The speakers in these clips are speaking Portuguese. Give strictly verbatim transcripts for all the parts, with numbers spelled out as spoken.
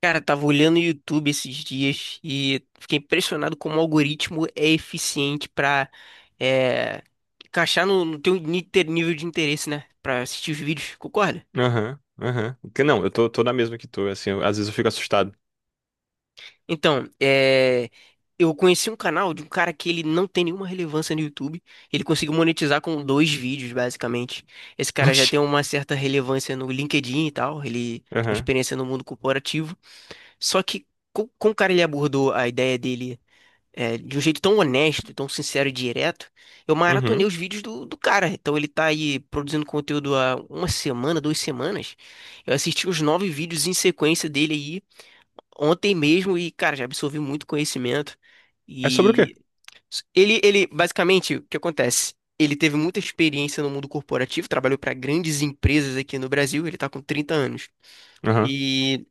Cara, tava olhando o YouTube esses dias e fiquei impressionado como o algoritmo é eficiente pra é, encaixar no, no teu ni- ter- nível de interesse, né? Pra assistir os vídeos, concorda? Aham, aham. Que- Não, eu tô, tô na mesma que tu, assim, eu- às vezes eu fico assustado. Então, é, eu conheci um canal de um cara que ele não tem nenhuma relevância no YouTube. Ele conseguiu monetizar com dois vídeos, basicamente. Esse cara já Oxi. tem uma certa relevância no LinkedIn e tal. Ele tem uma Aham, experiência no mundo corporativo. Só que co- como o cara ele abordou a ideia dele, é, de um jeito tão honesto, tão sincero e direto, eu maratonei uhum. os vídeos do, do cara. Então ele tá aí produzindo conteúdo há uma semana, duas semanas. Eu assisti os nove vídeos em sequência dele aí ontem mesmo e, cara, já absorvi muito conhecimento. É sobre o quê? E ele, ele basicamente, o que acontece? Ele teve muita experiência no mundo corporativo, trabalhou para grandes empresas aqui no Brasil, ele tá com trinta anos. Aham. E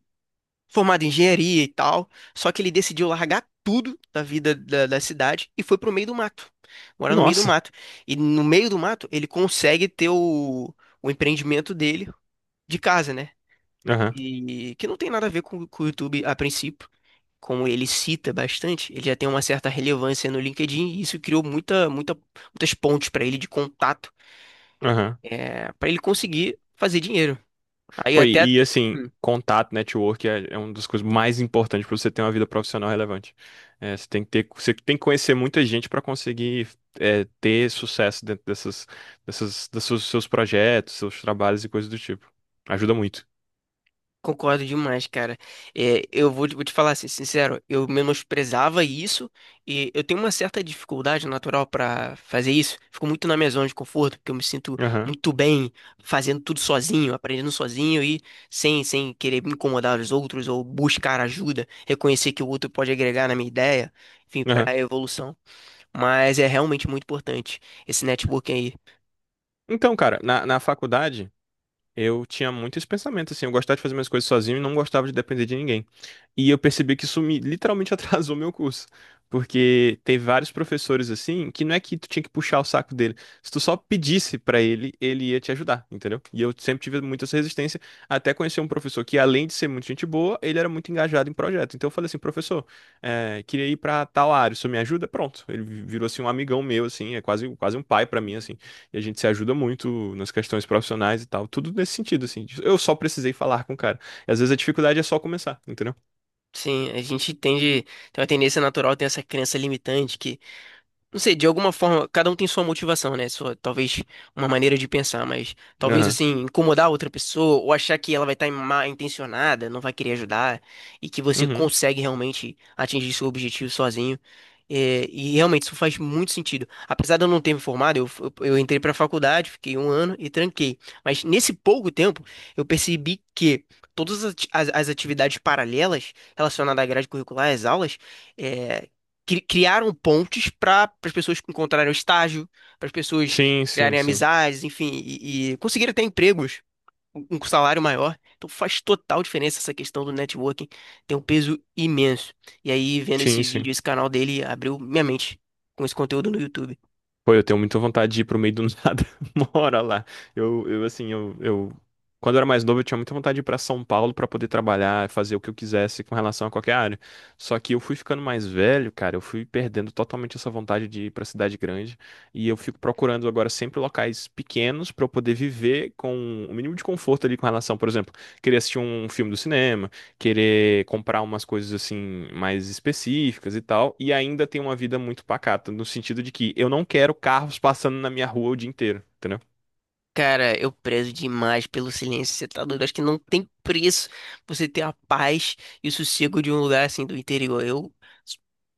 formado em engenharia e tal, só que ele decidiu largar tudo da vida da, da cidade e foi pro meio do mato, morar no meio do Nossa. mato. E no meio do mato ele consegue ter o, o empreendimento dele de casa, né? Aham, E que não tem nada a ver com, com o YouTube a princípio. Como ele cita bastante, ele já tem uma certa relevância no LinkedIn e isso criou muita, muita, muitas pontes para ele de contato, aham. é, para ele conseguir fazer dinheiro. Aí Pô, até. e, e, assim, contato, network é, é uma das coisas mais importantes pra você ter uma vida profissional relevante. É, você tem que ter, você tem que conhecer muita gente pra conseguir é, ter sucesso dentro dessas, dessas, desses seus projetos, seus trabalhos e coisas do tipo. Ajuda muito. Concordo demais, cara. É, eu vou, te vou te falar assim, sincero, eu menosprezava isso e eu tenho uma certa dificuldade natural pra fazer isso. Fico muito na minha zona de conforto, porque eu me sinto Aham, muito bem fazendo tudo sozinho, aprendendo sozinho e sem, sem querer me incomodar os outros ou buscar ajuda, reconhecer que o outro pode agregar na minha ideia, enfim, aham. pra evolução. Mas é realmente muito importante esse networking aí. Então, cara, na, na faculdade. Eu tinha muito esse pensamento, assim, eu gostava de fazer minhas coisas sozinho e não gostava de depender de ninguém. E eu percebi que isso me literalmente atrasou meu curso. Porque tem vários professores, assim, que não é que tu tinha que puxar o saco dele. Se tu só pedisse pra ele, ele ia te ajudar, entendeu? E eu sempre tive muita essa resistência, até conhecer um professor que, além de ser muito gente boa, ele era muito engajado em projeto. Então eu falei assim, professor, eh, queria ir pra tal área, o senhor me ajuda? Pronto. Ele virou, assim, um amigão meu, assim, é quase, quase um pai pra mim, assim. E a gente se ajuda muito nas questões profissionais e tal. Tudo nesse sentido, assim. de- Eu só precisei falar com o cara. E às vezes a dificuldade é só começar, entendeu? Sim, a gente tende, tem uma tendência natural, tem essa crença limitante. Não sei, de alguma forma, cada um tem sua motivação, né? Sua, talvez uma maneira de pensar, mas talvez Aham. assim, incomodar outra pessoa ou achar que ela vai estar mal intencionada, não vai querer ajudar e que você Uhum. consegue realmente atingir seu objetivo sozinho. É, e realmente isso faz muito sentido. Apesar de eu não ter me formado, eu, eu, eu entrei para a faculdade, fiquei um ano e tranquei. Mas nesse pouco tempo, eu percebi que todas as, ati- as- as atividades paralelas relacionadas à grade curricular, às aulas, é, cri- criaram pontes para as pessoas encontrarem um estágio, para as pessoas Sim, sim, criarem sim. amizades, enfim, e, e conseguirem ter empregos um com salário maior. Então faz total diferença essa questão do networking, tem um peso imenso. E aí, vendo Sim, esse sim. vídeo, esse canal dele, abriu minha mente com esse conteúdo no YouTube. Pô, eu tenho muita vontade de ir pro meio do nada, uma hora lá. Eu, eu assim, eu, eu... Quando eu era mais novo, eu tinha muita vontade de ir pra São Paulo pra poder trabalhar, fazer o que eu quisesse com relação a qualquer área. Só que eu fui ficando mais velho, cara, eu fui perdendo totalmente essa vontade de ir pra cidade grande. E eu fico procurando agora sempre locais pequenos pra eu poder viver com o mínimo de conforto ali com relação, por exemplo, queria assistir um filme do cinema, querer comprar umas coisas assim mais específicas e tal, e ainda tem uma vida muito pacata, no sentido de que eu não quero carros passando na minha rua o dia inteiro, entendeu? Cara, eu prezo demais pelo silêncio. Você tá doido? Acho que não tem preço você ter a paz e o sossego de um lugar assim do interior. Eu s-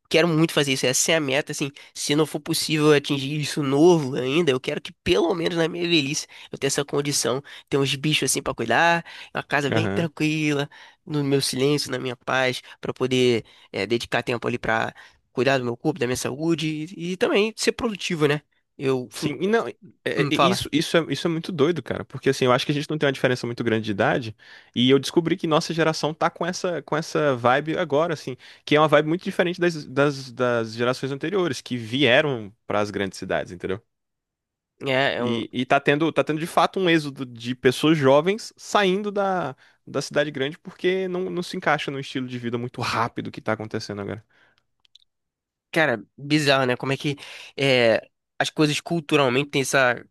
quero muito fazer isso. Essa é a meta, assim. Se não for possível atingir isso novo ainda, eu quero que pelo menos na minha velhice eu tenha essa condição. Ter uns bichos assim pra cuidar, uma casa bem Aham. tranquila, no meu silêncio, na minha paz, pra poder eh, dedicar tempo ali pra cuidar do meu corpo, da minha saúde e, e também ser produtivo, né? Eu. fun- Sim, e não, é- é- hum, Fala. isso, isso é, isso é muito doido, cara, porque assim, eu acho que a gente não tem uma diferença muito grande de idade, e eu descobri que nossa geração tá com essa, com essa vibe agora, assim, que é uma vibe muito diferente das, das, das gerações anteriores, que vieram para as grandes cidades, entendeu? É, é um- E, e tá tendo, tá tendo de fato um êxodo de pessoas jovens saindo da, da cidade grande porque não, não se encaixa no estilo de vida muito rápido que tá acontecendo agora. Cara, bizarro, né? Como é que é, as coisas culturalmente têm essa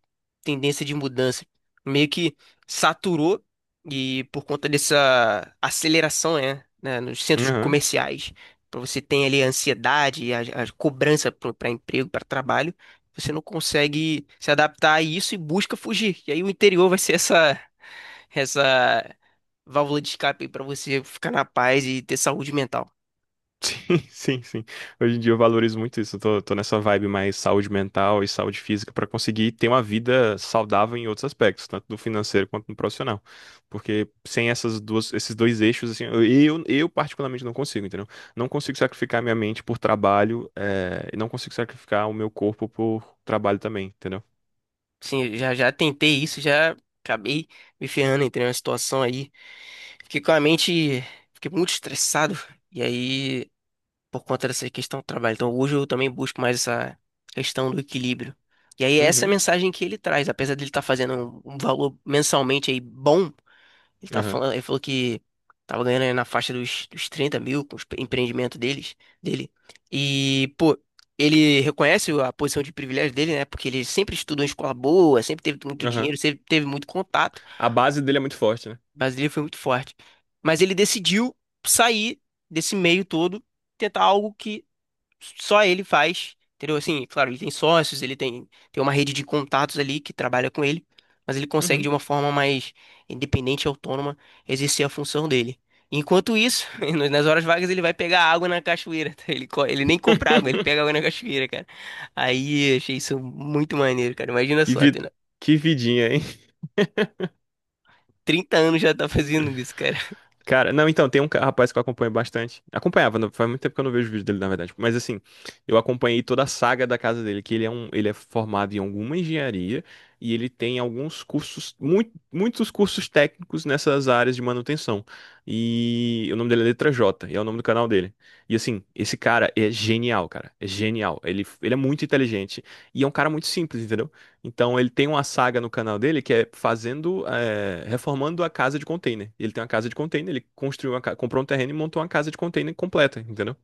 tendência de mudança. Meio que saturou e por conta dessa aceleração, né? né, Nos centros Uhum. comerciais, para você tem ali a ansiedade e a, a cobrança para emprego, para trabalho, você não consegue se adaptar a isso e busca fugir. E aí o interior vai ser essa essa válvula de escape para você ficar na paz e ter saúde mental. Sim, sim, sim. Hoje em dia eu valorizo muito isso. Eu tô, tô nessa vibe mais saúde mental e saúde física pra conseguir ter uma vida saudável em outros aspectos, tanto no financeiro quanto no profissional. Porque sem essas duas, esses dois eixos, assim, eu, eu eu particularmente não consigo, entendeu? Não consigo sacrificar minha mente por trabalho, eh, e não consigo sacrificar o meu corpo por trabalho também, entendeu? Sim, eu já já tentei isso, já acabei me ferrando, entrei numa situação aí. Fiquei com a mente, fiquei muito estressado. E aí por conta dessa questão do trabalho. Então, hoje eu também busco mais essa questão do equilíbrio. E aí, essa é a Uhum, mensagem que ele traz, apesar dele estar fazendo um um valor mensalmente aí bom, ele tá aham, falando, ele falou que tava ganhando aí na faixa dos, dos trinta mil com o empreendimento deles, dele. E, pô, ele reconhece a posição de privilégio dele, né? Porque ele sempre estudou em escola boa, sempre teve muito aham. dinheiro, sempre teve muito contato, A base dele é muito forte, né? mas ele foi muito forte. Mas ele decidiu sair desse meio todo, tentar algo que só ele faz, entendeu? Assim, claro, ele tem sócios, ele tem, tem uma rede de contatos ali que trabalha com ele, mas ele consegue de Uhum. uma forma mais independente e autônoma exercer a função dele. Enquanto isso, no- nas horas vagas ele vai pegar água na cachoeira, tá? Ele, co- ele nem compra água, ele pega água na cachoeira, cara. Aí, eu achei isso muito maneiro, cara. Imagina Que só, vi- tendo que vidinha, hein? trinta anos já tá fazendo isso, cara. Cara, não, então, tem um ca- rapaz que eu acompanho bastante. Acompanhava, não- faz muito tempo que eu não vejo o vídeo dele, na verdade. Mas assim, eu acompanhei toda a saga da casa dele, que ele é um, ele é formado em alguma engenharia e ele tem alguns cursos, muito, muitos cursos técnicos nessas áreas de manutenção. E o nome dele é Letra J, e é o nome do canal dele. E assim, esse cara é genial, cara. É genial. Ele, ele é muito inteligente e é um cara muito simples, entendeu? Então ele tem uma saga no canal dele que é fazendo, é, reformando a casa de container. Ele tem uma casa de container, ele construiu uma, ca- comprou um terreno e montou uma casa de container completa, entendeu?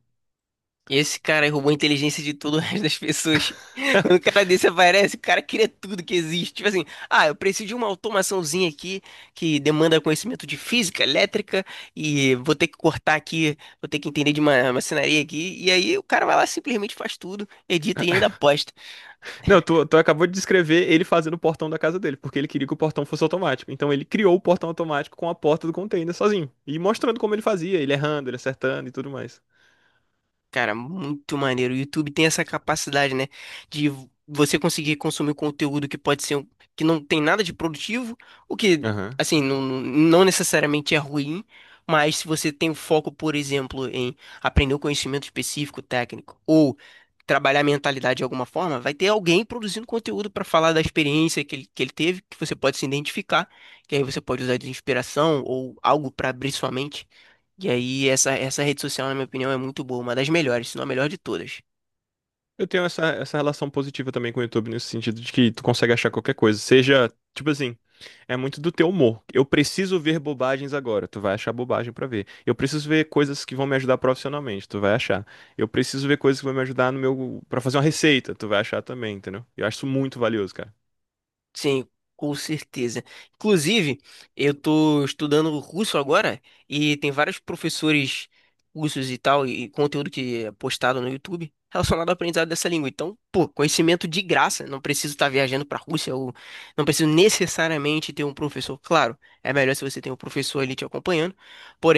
Esse cara aí roubou a inteligência de todo o resto das pessoas. Quando o cara desse aparece, o cara cria tudo que existe. Tipo assim, ah, eu preciso de uma automaçãozinha aqui que demanda conhecimento de física, elétrica, e vou ter que cortar aqui, vou ter que entender de uma maçonaria aqui. E aí o cara vai lá, simplesmente faz tudo, edita e ainda posta. Não, tu, tu acabou de descrever ele fazendo o portão da casa dele, porque ele queria que o portão fosse automático. Então ele criou o portão automático com a porta do container sozinho e mostrando como ele fazia, ele errando, ele acertando e tudo mais. Cara, muito maneiro. O YouTube tem essa capacidade, né, de você conseguir consumir conteúdo que pode ser um- que não tem nada de produtivo, o que, Aham. assim, não não necessariamente é ruim, mas se você tem o foco, por exemplo, em aprender um conhecimento específico, técnico, ou trabalhar a mentalidade de alguma forma, vai ter alguém produzindo conteúdo para falar da experiência que ele, que ele teve, que você pode se identificar, que aí você pode usar de inspiração ou algo para abrir sua mente. E aí, essa, essa rede social, na minha opinião, é muito boa, uma das melhores, se não a melhor de todas. Eu tenho essa, essa relação positiva também com o YouTube, nesse sentido de que tu consegue achar qualquer coisa. Seja, tipo assim, é muito do teu humor. Eu preciso ver bobagens agora. Tu vai achar bobagem pra ver. Eu preciso ver coisas que vão me ajudar profissionalmente. Tu vai achar. Eu preciso ver coisas que vão me ajudar no meu, para fazer uma receita. Tu vai achar também, entendeu? Eu acho isso muito valioso, cara. Sim, com certeza. Inclusive, eu tô estudando russo agora e tem vários professores russos e tal, e conteúdo que é postado no YouTube relacionado ao aprendizado dessa língua. Então, pô, conhecimento de graça, não preciso estar viajando pra Rússia ou não preciso necessariamente ter um professor. Claro, é melhor se você tem um professor ali te acompanhando,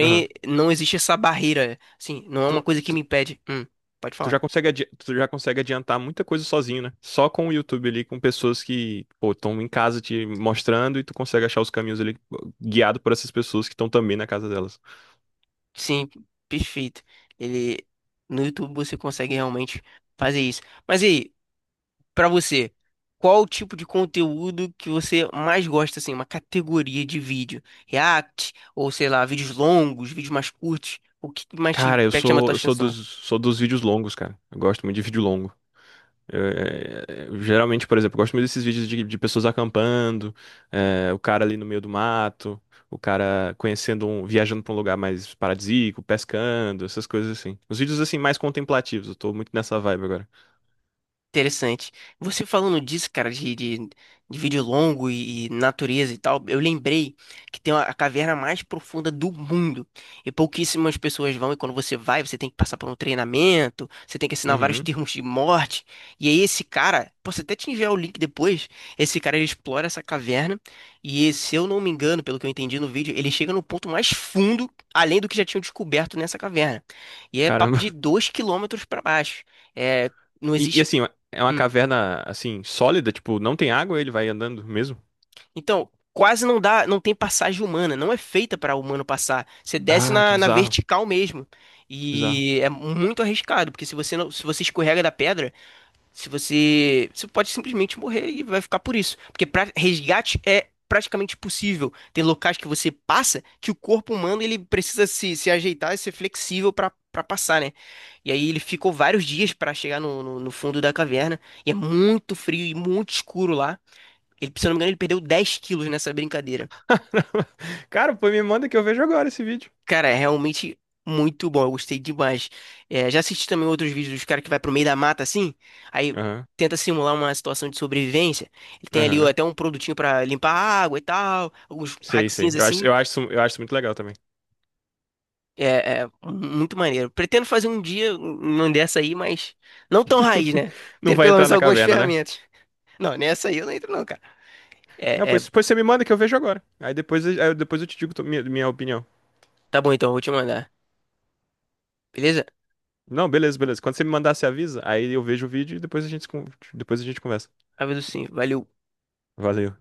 Aham. não existe essa barreira, assim, não é uma Tu, coisa que me impede. Hum, pode Tu já falar. consegue, adi- tu já consegue adiantar muita coisa sozinho, né? Só com o YouTube ali, com pessoas que, pô, estão em casa te mostrando e tu consegue achar os caminhos ali guiado por essas pessoas que estão também na casa delas. Sim, perfeito. Ele no YouTube você consegue realmente fazer isso. Mas e aí, pra você, qual o tipo de conteúdo que você mais gosta assim, uma categoria de vídeo? React ou sei lá, vídeos longos, vídeos mais curtos? O que mais te Cara, eu pe- chama a sou, tua eu sou dos, atenção? sou dos vídeos longos, cara. Eu gosto muito de vídeo longo. É, é, é, geralmente, por exemplo, eu gosto muito desses vídeos de, de pessoas acampando, é, o cara ali no meio do mato, o cara conhecendo um, viajando pra um lugar mais paradisíaco, pescando, essas coisas assim. Os vídeos assim mais contemplativos, eu tô muito nessa vibe agora. Interessante. Você falando disso, cara, de, de, de vídeo longo e, e natureza e tal, eu lembrei que tem a caverna mais profunda do mundo. E pouquíssimas pessoas vão, e quando você vai, você tem que passar por um treinamento, você tem que assinar vários Uhum. termos de morte. E aí esse cara, posso até te enviar o link depois, esse cara ele explora essa caverna, e se eu não me engano, pelo que eu entendi no vídeo, ele chega no ponto mais fundo, além do que já tinham descoberto nessa caverna. E é papo Caramba. de dois quilômetros para baixo. É, não E, e, existe. assim, é uma Hum. caverna, assim, sólida, tipo, não tem água, ele vai andando mesmo? Então, quase não dá, não tem passagem humana, não é feita para humano passar. Você desce Ah, que na, na bizarro. vertical mesmo. Que bizarro. E é muito arriscado, porque se você não, se você escorrega da pedra, se você, você pode simplesmente morrer e vai ficar por isso. Porque pra, resgate é praticamente impossível. Tem locais que você passa que o corpo humano ele precisa se, se ajeitar e ser flexível para para passar, né? E aí ele ficou vários dias para chegar no, no no fundo da caverna. E é muito frio e muito escuro lá. Ele, se eu não me engano, ele perdeu dez quilos nessa brincadeira. Cara, pô, me manda que eu vejo agora esse vídeo. Cara, é realmente muito bom. Eu gostei demais. É, já assisti também outros vídeos dos caras que vai pro meio da mata assim. Aí Aham, tenta simular uma situação de sobrevivência. Ele tem ali ó, aham. até um produtinho pra limpar a água e tal. Alguns Sei, sei. hackzinhos Eu acho, assim. eu acho, isso- eu acho isso muito legal também. É, é muito maneiro. Pretendo fazer um dia uma dessa aí, mas não tão raiz, né? Não Ter vai pelo entrar menos na algumas caverna, né? ferramentas. Não, nessa aí eu não entro não, cara. Não, É, é, pois, pois você me manda que eu vejo agora. Aí depois, aí eu- depois eu te digo to- minha, minha opinião. tá bom então, eu vou te mandar. Beleza? Não, beleza, beleza. Quando você me mandar, você avisa. Aí eu vejo o vídeo e depois a gente, se con- depois a gente conversa. Aviso sim. Valeu. Valeu.